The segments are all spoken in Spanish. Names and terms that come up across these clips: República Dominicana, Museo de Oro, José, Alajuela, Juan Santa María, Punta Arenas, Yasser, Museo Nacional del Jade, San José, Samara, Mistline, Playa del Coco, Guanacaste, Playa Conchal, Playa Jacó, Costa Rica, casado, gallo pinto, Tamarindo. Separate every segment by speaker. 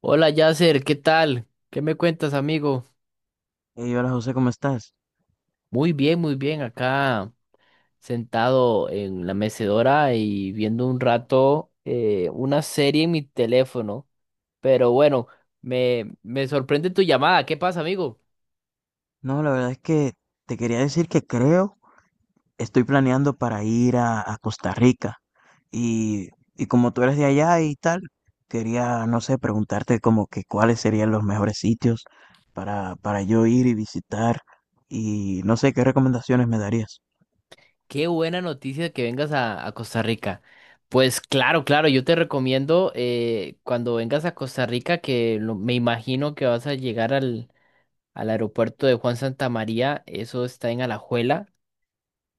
Speaker 1: Hola Yasser, ¿qué tal? ¿Qué me cuentas, amigo?
Speaker 2: Hey, hola José, ¿cómo estás?
Speaker 1: Muy bien, acá sentado en la mecedora y viendo un rato una serie en mi teléfono. Pero bueno, me sorprende tu llamada. ¿Qué pasa, amigo?
Speaker 2: No, la verdad es que te quería decir que creo, estoy planeando para ir a Costa Rica y, y como tú eres de allá y tal, quería, no sé, preguntarte como que cuáles serían los mejores sitios para yo ir y visitar y no sé qué recomendaciones me darías.
Speaker 1: Qué buena noticia que vengas a Costa Rica. Pues claro, claro, yo te recomiendo cuando vengas a Costa Rica, me imagino que vas a llegar al aeropuerto de Juan Santa María, eso está en Alajuela.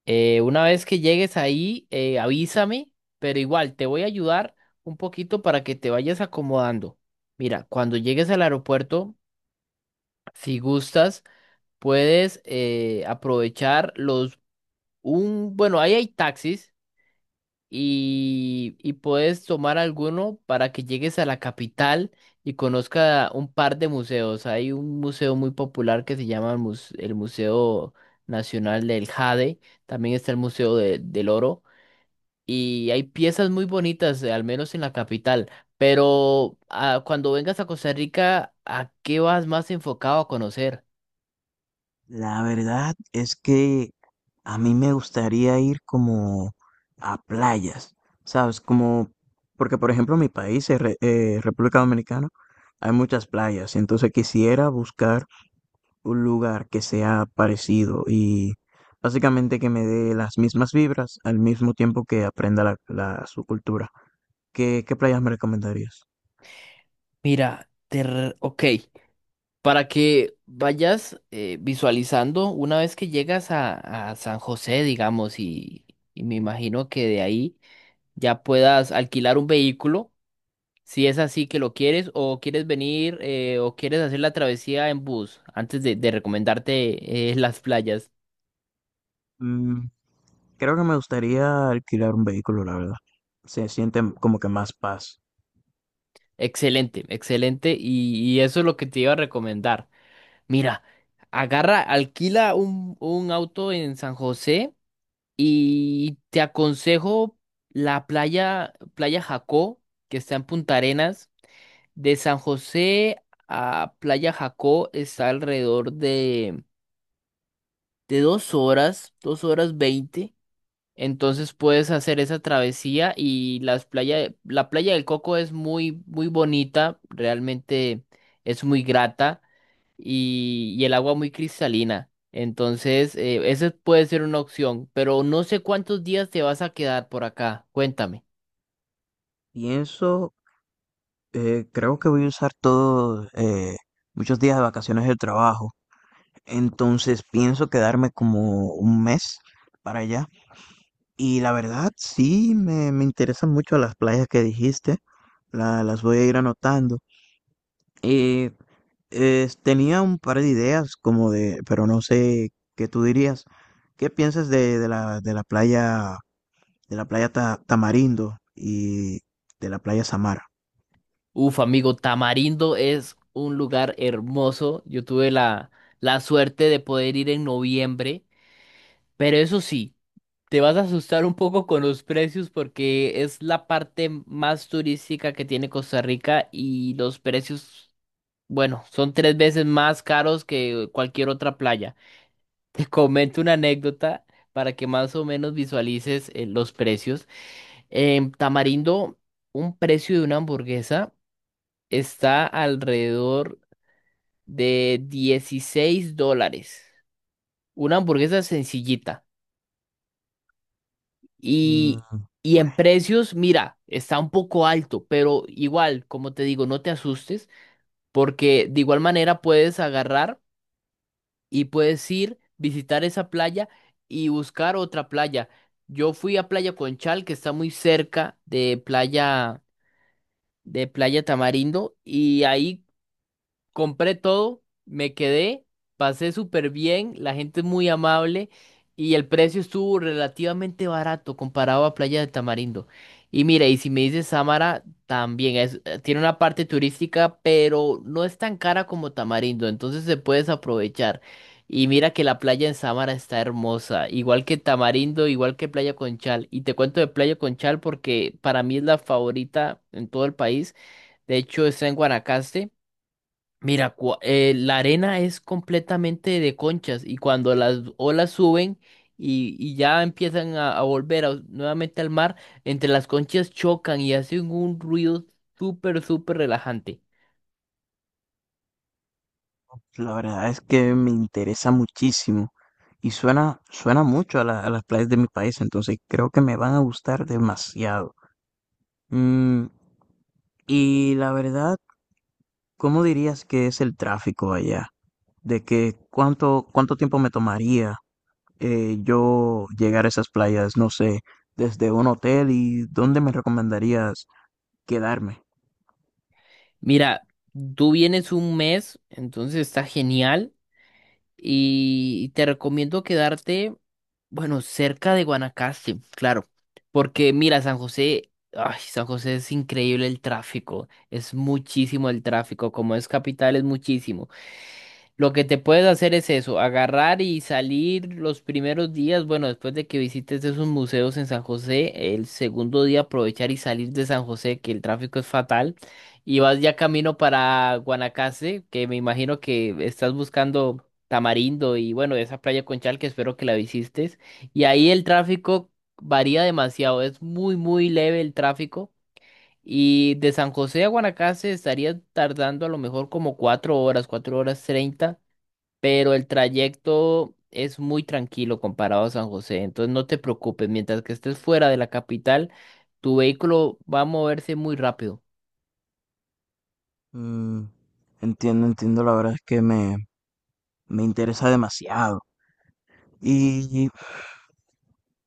Speaker 1: Una vez que llegues ahí, avísame, pero igual te voy a ayudar un poquito para que te vayas acomodando. Mira, cuando llegues al aeropuerto, si gustas, puedes aprovechar bueno, ahí hay taxis y puedes tomar alguno para que llegues a la capital y conozca un par de museos. Hay un museo muy popular que se llama el Museo Nacional del Jade, también está el Museo del Oro. Y hay piezas muy bonitas, al menos en la capital. Pero ah, cuando vengas a Costa Rica, ¿a qué vas más enfocado a conocer?
Speaker 2: La verdad es que a mí me gustaría ir como a playas, ¿sabes? Como, porque por ejemplo mi país, es República Dominicana, hay muchas playas, entonces quisiera buscar un lugar que sea parecido y básicamente que me dé las mismas vibras al mismo tiempo que aprenda su cultura. ¿Qué, qué playas me recomendarías?
Speaker 1: Mira, ok. Para que vayas visualizando una vez que llegas a San José, digamos, y me imagino que de ahí ya puedas alquilar un vehículo, si es así que lo quieres, o quieres venir, o quieres hacer la travesía en bus, antes de recomendarte las playas.
Speaker 2: Mm, creo que me gustaría alquilar un vehículo, la verdad. Se siente como que más paz.
Speaker 1: Excelente, excelente. Y eso es lo que te iba a recomendar. Mira, agarra, alquila un auto en San José y te aconsejo la playa, Playa Jacó, que está en Punta Arenas. De San José a Playa Jacó está alrededor de 2 horas, 2 horas 20. Entonces puedes hacer esa travesía y las playas, la playa del Coco es muy, muy bonita, realmente es muy grata y el agua muy cristalina. Entonces, esa puede ser una opción, pero no sé cuántos días te vas a quedar por acá. Cuéntame.
Speaker 2: Pienso, creo que voy a usar todos muchos días de vacaciones del trabajo. Entonces pienso quedarme como un mes para allá. Y la verdad, sí, me interesan mucho las playas que dijiste. La- las voy a ir anotando. Eh, Tenía un par de ideas como de, pero no sé qué tú dirías. ¿Qué piensas de la playa Tamarindo y de la playa Samara?
Speaker 1: Uf, amigo, Tamarindo es un lugar hermoso. Yo tuve la suerte de poder ir en noviembre, pero eso sí. Te vas a asustar un poco con los precios porque es la parte más turística que tiene Costa Rica y los precios, bueno, son tres veces más caros que cualquier otra playa. Te comento una anécdota para que más o menos visualices los precios. En Tamarindo, un precio de una hamburguesa está alrededor de $16. Una hamburguesa sencillita.
Speaker 2: Mm,
Speaker 1: Y, y
Speaker 2: pues
Speaker 1: en precios, mira, está un poco alto, pero igual, como te digo, no te asustes, porque de igual manera puedes agarrar y puedes ir, visitar esa playa y buscar otra playa. Yo fui a Playa Conchal, que está muy cerca de de Playa Tamarindo, y ahí compré todo, me quedé, pasé súper bien, la gente es muy amable y el precio estuvo relativamente barato comparado a Playa de Tamarindo. Y mira, y si me dices Samara, también tiene una parte turística, pero no es tan cara como Tamarindo, entonces se puedes aprovechar. Y mira que la playa en Samara está hermosa, igual que Tamarindo, igual que Playa Conchal. Y te cuento de Playa Conchal porque para mí es la favorita en todo el país. De hecho, está en Guanacaste. Mira, la arena es completamente de conchas y cuando las olas suben y ya empiezan a volver nuevamente al mar, entre las conchas chocan y hacen un ruido súper, súper relajante.
Speaker 2: la verdad es que me interesa muchísimo y suena, suena mucho a, a las playas de mi país, entonces creo que me van a gustar demasiado. Mm, y la verdad, ¿cómo dirías que es el tráfico allá? ¿De que cuánto, cuánto tiempo me tomaría yo llegar a esas playas? No sé, ¿desde un hotel y dónde me recomendarías quedarme?
Speaker 1: Mira, tú vienes un mes, entonces está genial. Y te recomiendo quedarte, bueno, cerca de Guanacaste, claro, porque mira, San José, ay, San José es increíble el tráfico, es muchísimo el tráfico, como es capital es muchísimo. Lo que te puedes hacer es eso, agarrar y salir los primeros días, bueno, después de que visites esos museos en San José, el segundo día aprovechar y salir de San José, que el tráfico es fatal, y vas ya camino para Guanacaste, que me imagino que estás buscando Tamarindo y bueno, esa playa Conchal que espero que la visites, y ahí el tráfico varía demasiado, es muy, muy leve el tráfico. Y de San José a Guanacaste estaría tardando a lo mejor como 4 horas, 4 horas 30, pero el trayecto es muy tranquilo comparado a San José, entonces no te preocupes, mientras que estés fuera de la capital, tu vehículo va a moverse muy rápido.
Speaker 2: Mm, entiendo, entiendo, la verdad es que me interesa demasiado. Y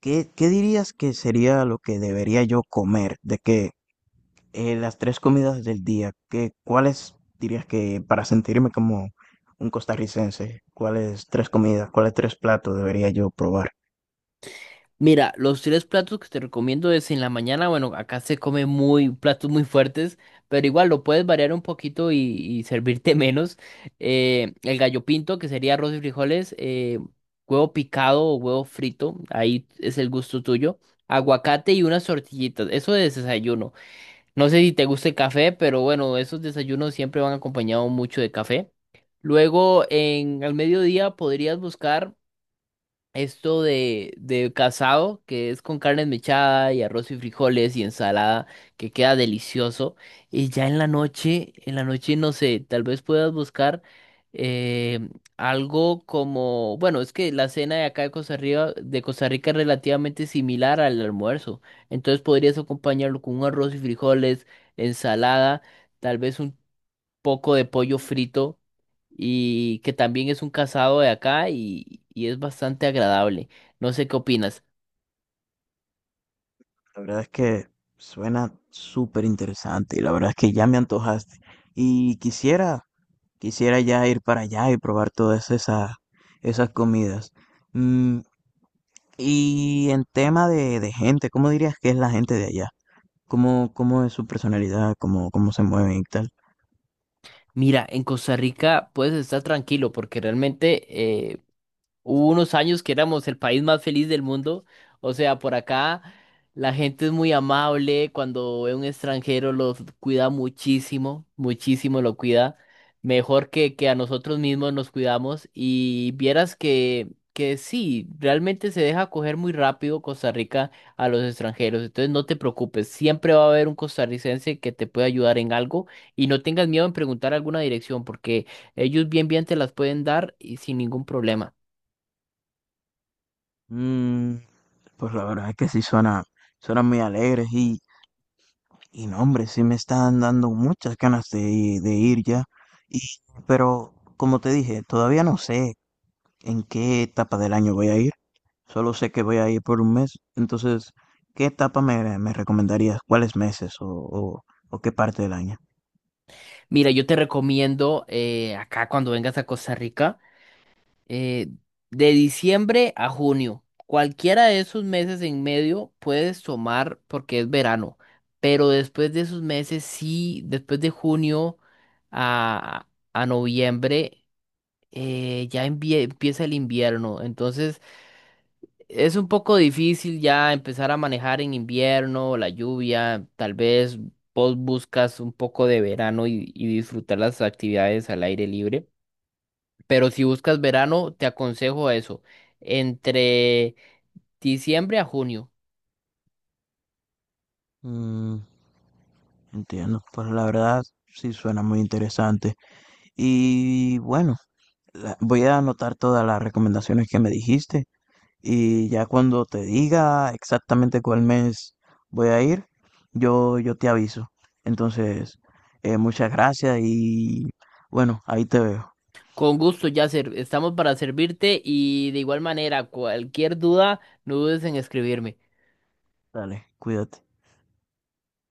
Speaker 2: ¿qué, qué dirías que sería lo que debería yo comer? De que las tres comidas del día, ¿qué, cuáles dirías que para sentirme como un costarricense, cuáles tres comidas, cuáles tres platos debería yo probar?
Speaker 1: Mira, los tres platos que te recomiendo es en la mañana, bueno, acá se come muy platos muy fuertes, pero igual lo puedes variar un poquito y servirte menos. El gallo pinto, que sería arroz y frijoles, huevo picado o huevo frito, ahí es el gusto tuyo. Aguacate y unas tortillitas, eso de desayuno. No sé si te gusta el café, pero bueno, esos desayunos siempre van acompañados mucho de café. Luego, en al mediodía podrías buscar esto de casado, que es con carne mechada y arroz y frijoles y ensalada, que queda delicioso. Y ya en la noche, no sé, tal vez puedas buscar eh, algo como, bueno, es que la cena de acá de Costa Rica es relativamente similar al almuerzo. Entonces podrías acompañarlo con un arroz y frijoles, ensalada, tal vez un poco de pollo frito y que también es un casado de acá y es bastante agradable. No sé qué opinas.
Speaker 2: La verdad es que suena súper interesante y la verdad es que ya me antojaste y quisiera, quisiera ya ir para allá y probar todas esas, esas comidas. Mm, y en tema de gente, ¿cómo dirías que es la gente de allá? ¿Cómo, cómo es su personalidad, cómo, cómo se mueve y tal?
Speaker 1: Mira, en Costa Rica puedes estar tranquilo porque realmente eh, hubo unos años que éramos el país más feliz del mundo. O sea, por acá la gente es muy amable. Cuando ve un extranjero los cuida muchísimo, muchísimo lo cuida. Mejor que a nosotros mismos nos cuidamos. Y vieras que sí, realmente se deja coger muy rápido Costa Rica a los extranjeros. Entonces no te preocupes, siempre va a haber un costarricense que te puede ayudar en algo. Y no tengas miedo en preguntar alguna dirección porque ellos bien bien te las pueden dar y sin ningún problema.
Speaker 2: Mm, pues la verdad es que sí suena, suena muy alegres y no, hombre, sí me están dando muchas ganas de ir ya. Y, pero como te dije, todavía no sé en qué etapa del año voy a ir. Solo sé que voy a ir por un mes. Entonces, ¿qué etapa me recomendarías? ¿Cuáles meses o qué parte del año?
Speaker 1: Mira, yo te recomiendo acá cuando vengas a Costa Rica, eh, de diciembre a junio, cualquiera de esos meses en medio puedes tomar porque es verano, pero después de esos meses, sí, después de junio a, a noviembre, empieza el invierno, entonces es un poco difícil ya empezar a manejar en invierno, la lluvia, tal vez vos buscas un poco de verano y disfrutar las actividades al aire libre, pero si buscas verano, te aconsejo eso, entre diciembre a junio.
Speaker 2: Mm, entiendo, pues la verdad sí suena muy interesante. Y bueno, la- voy a anotar todas las recomendaciones que me dijiste y ya cuando te diga exactamente cuál mes voy a ir, yo te aviso. Entonces, muchas gracias y bueno, ahí te veo.
Speaker 1: Con gusto, Yasser, estamos para servirte y de igual manera, cualquier duda, no dudes en escribirme.
Speaker 2: Dale, cuídate.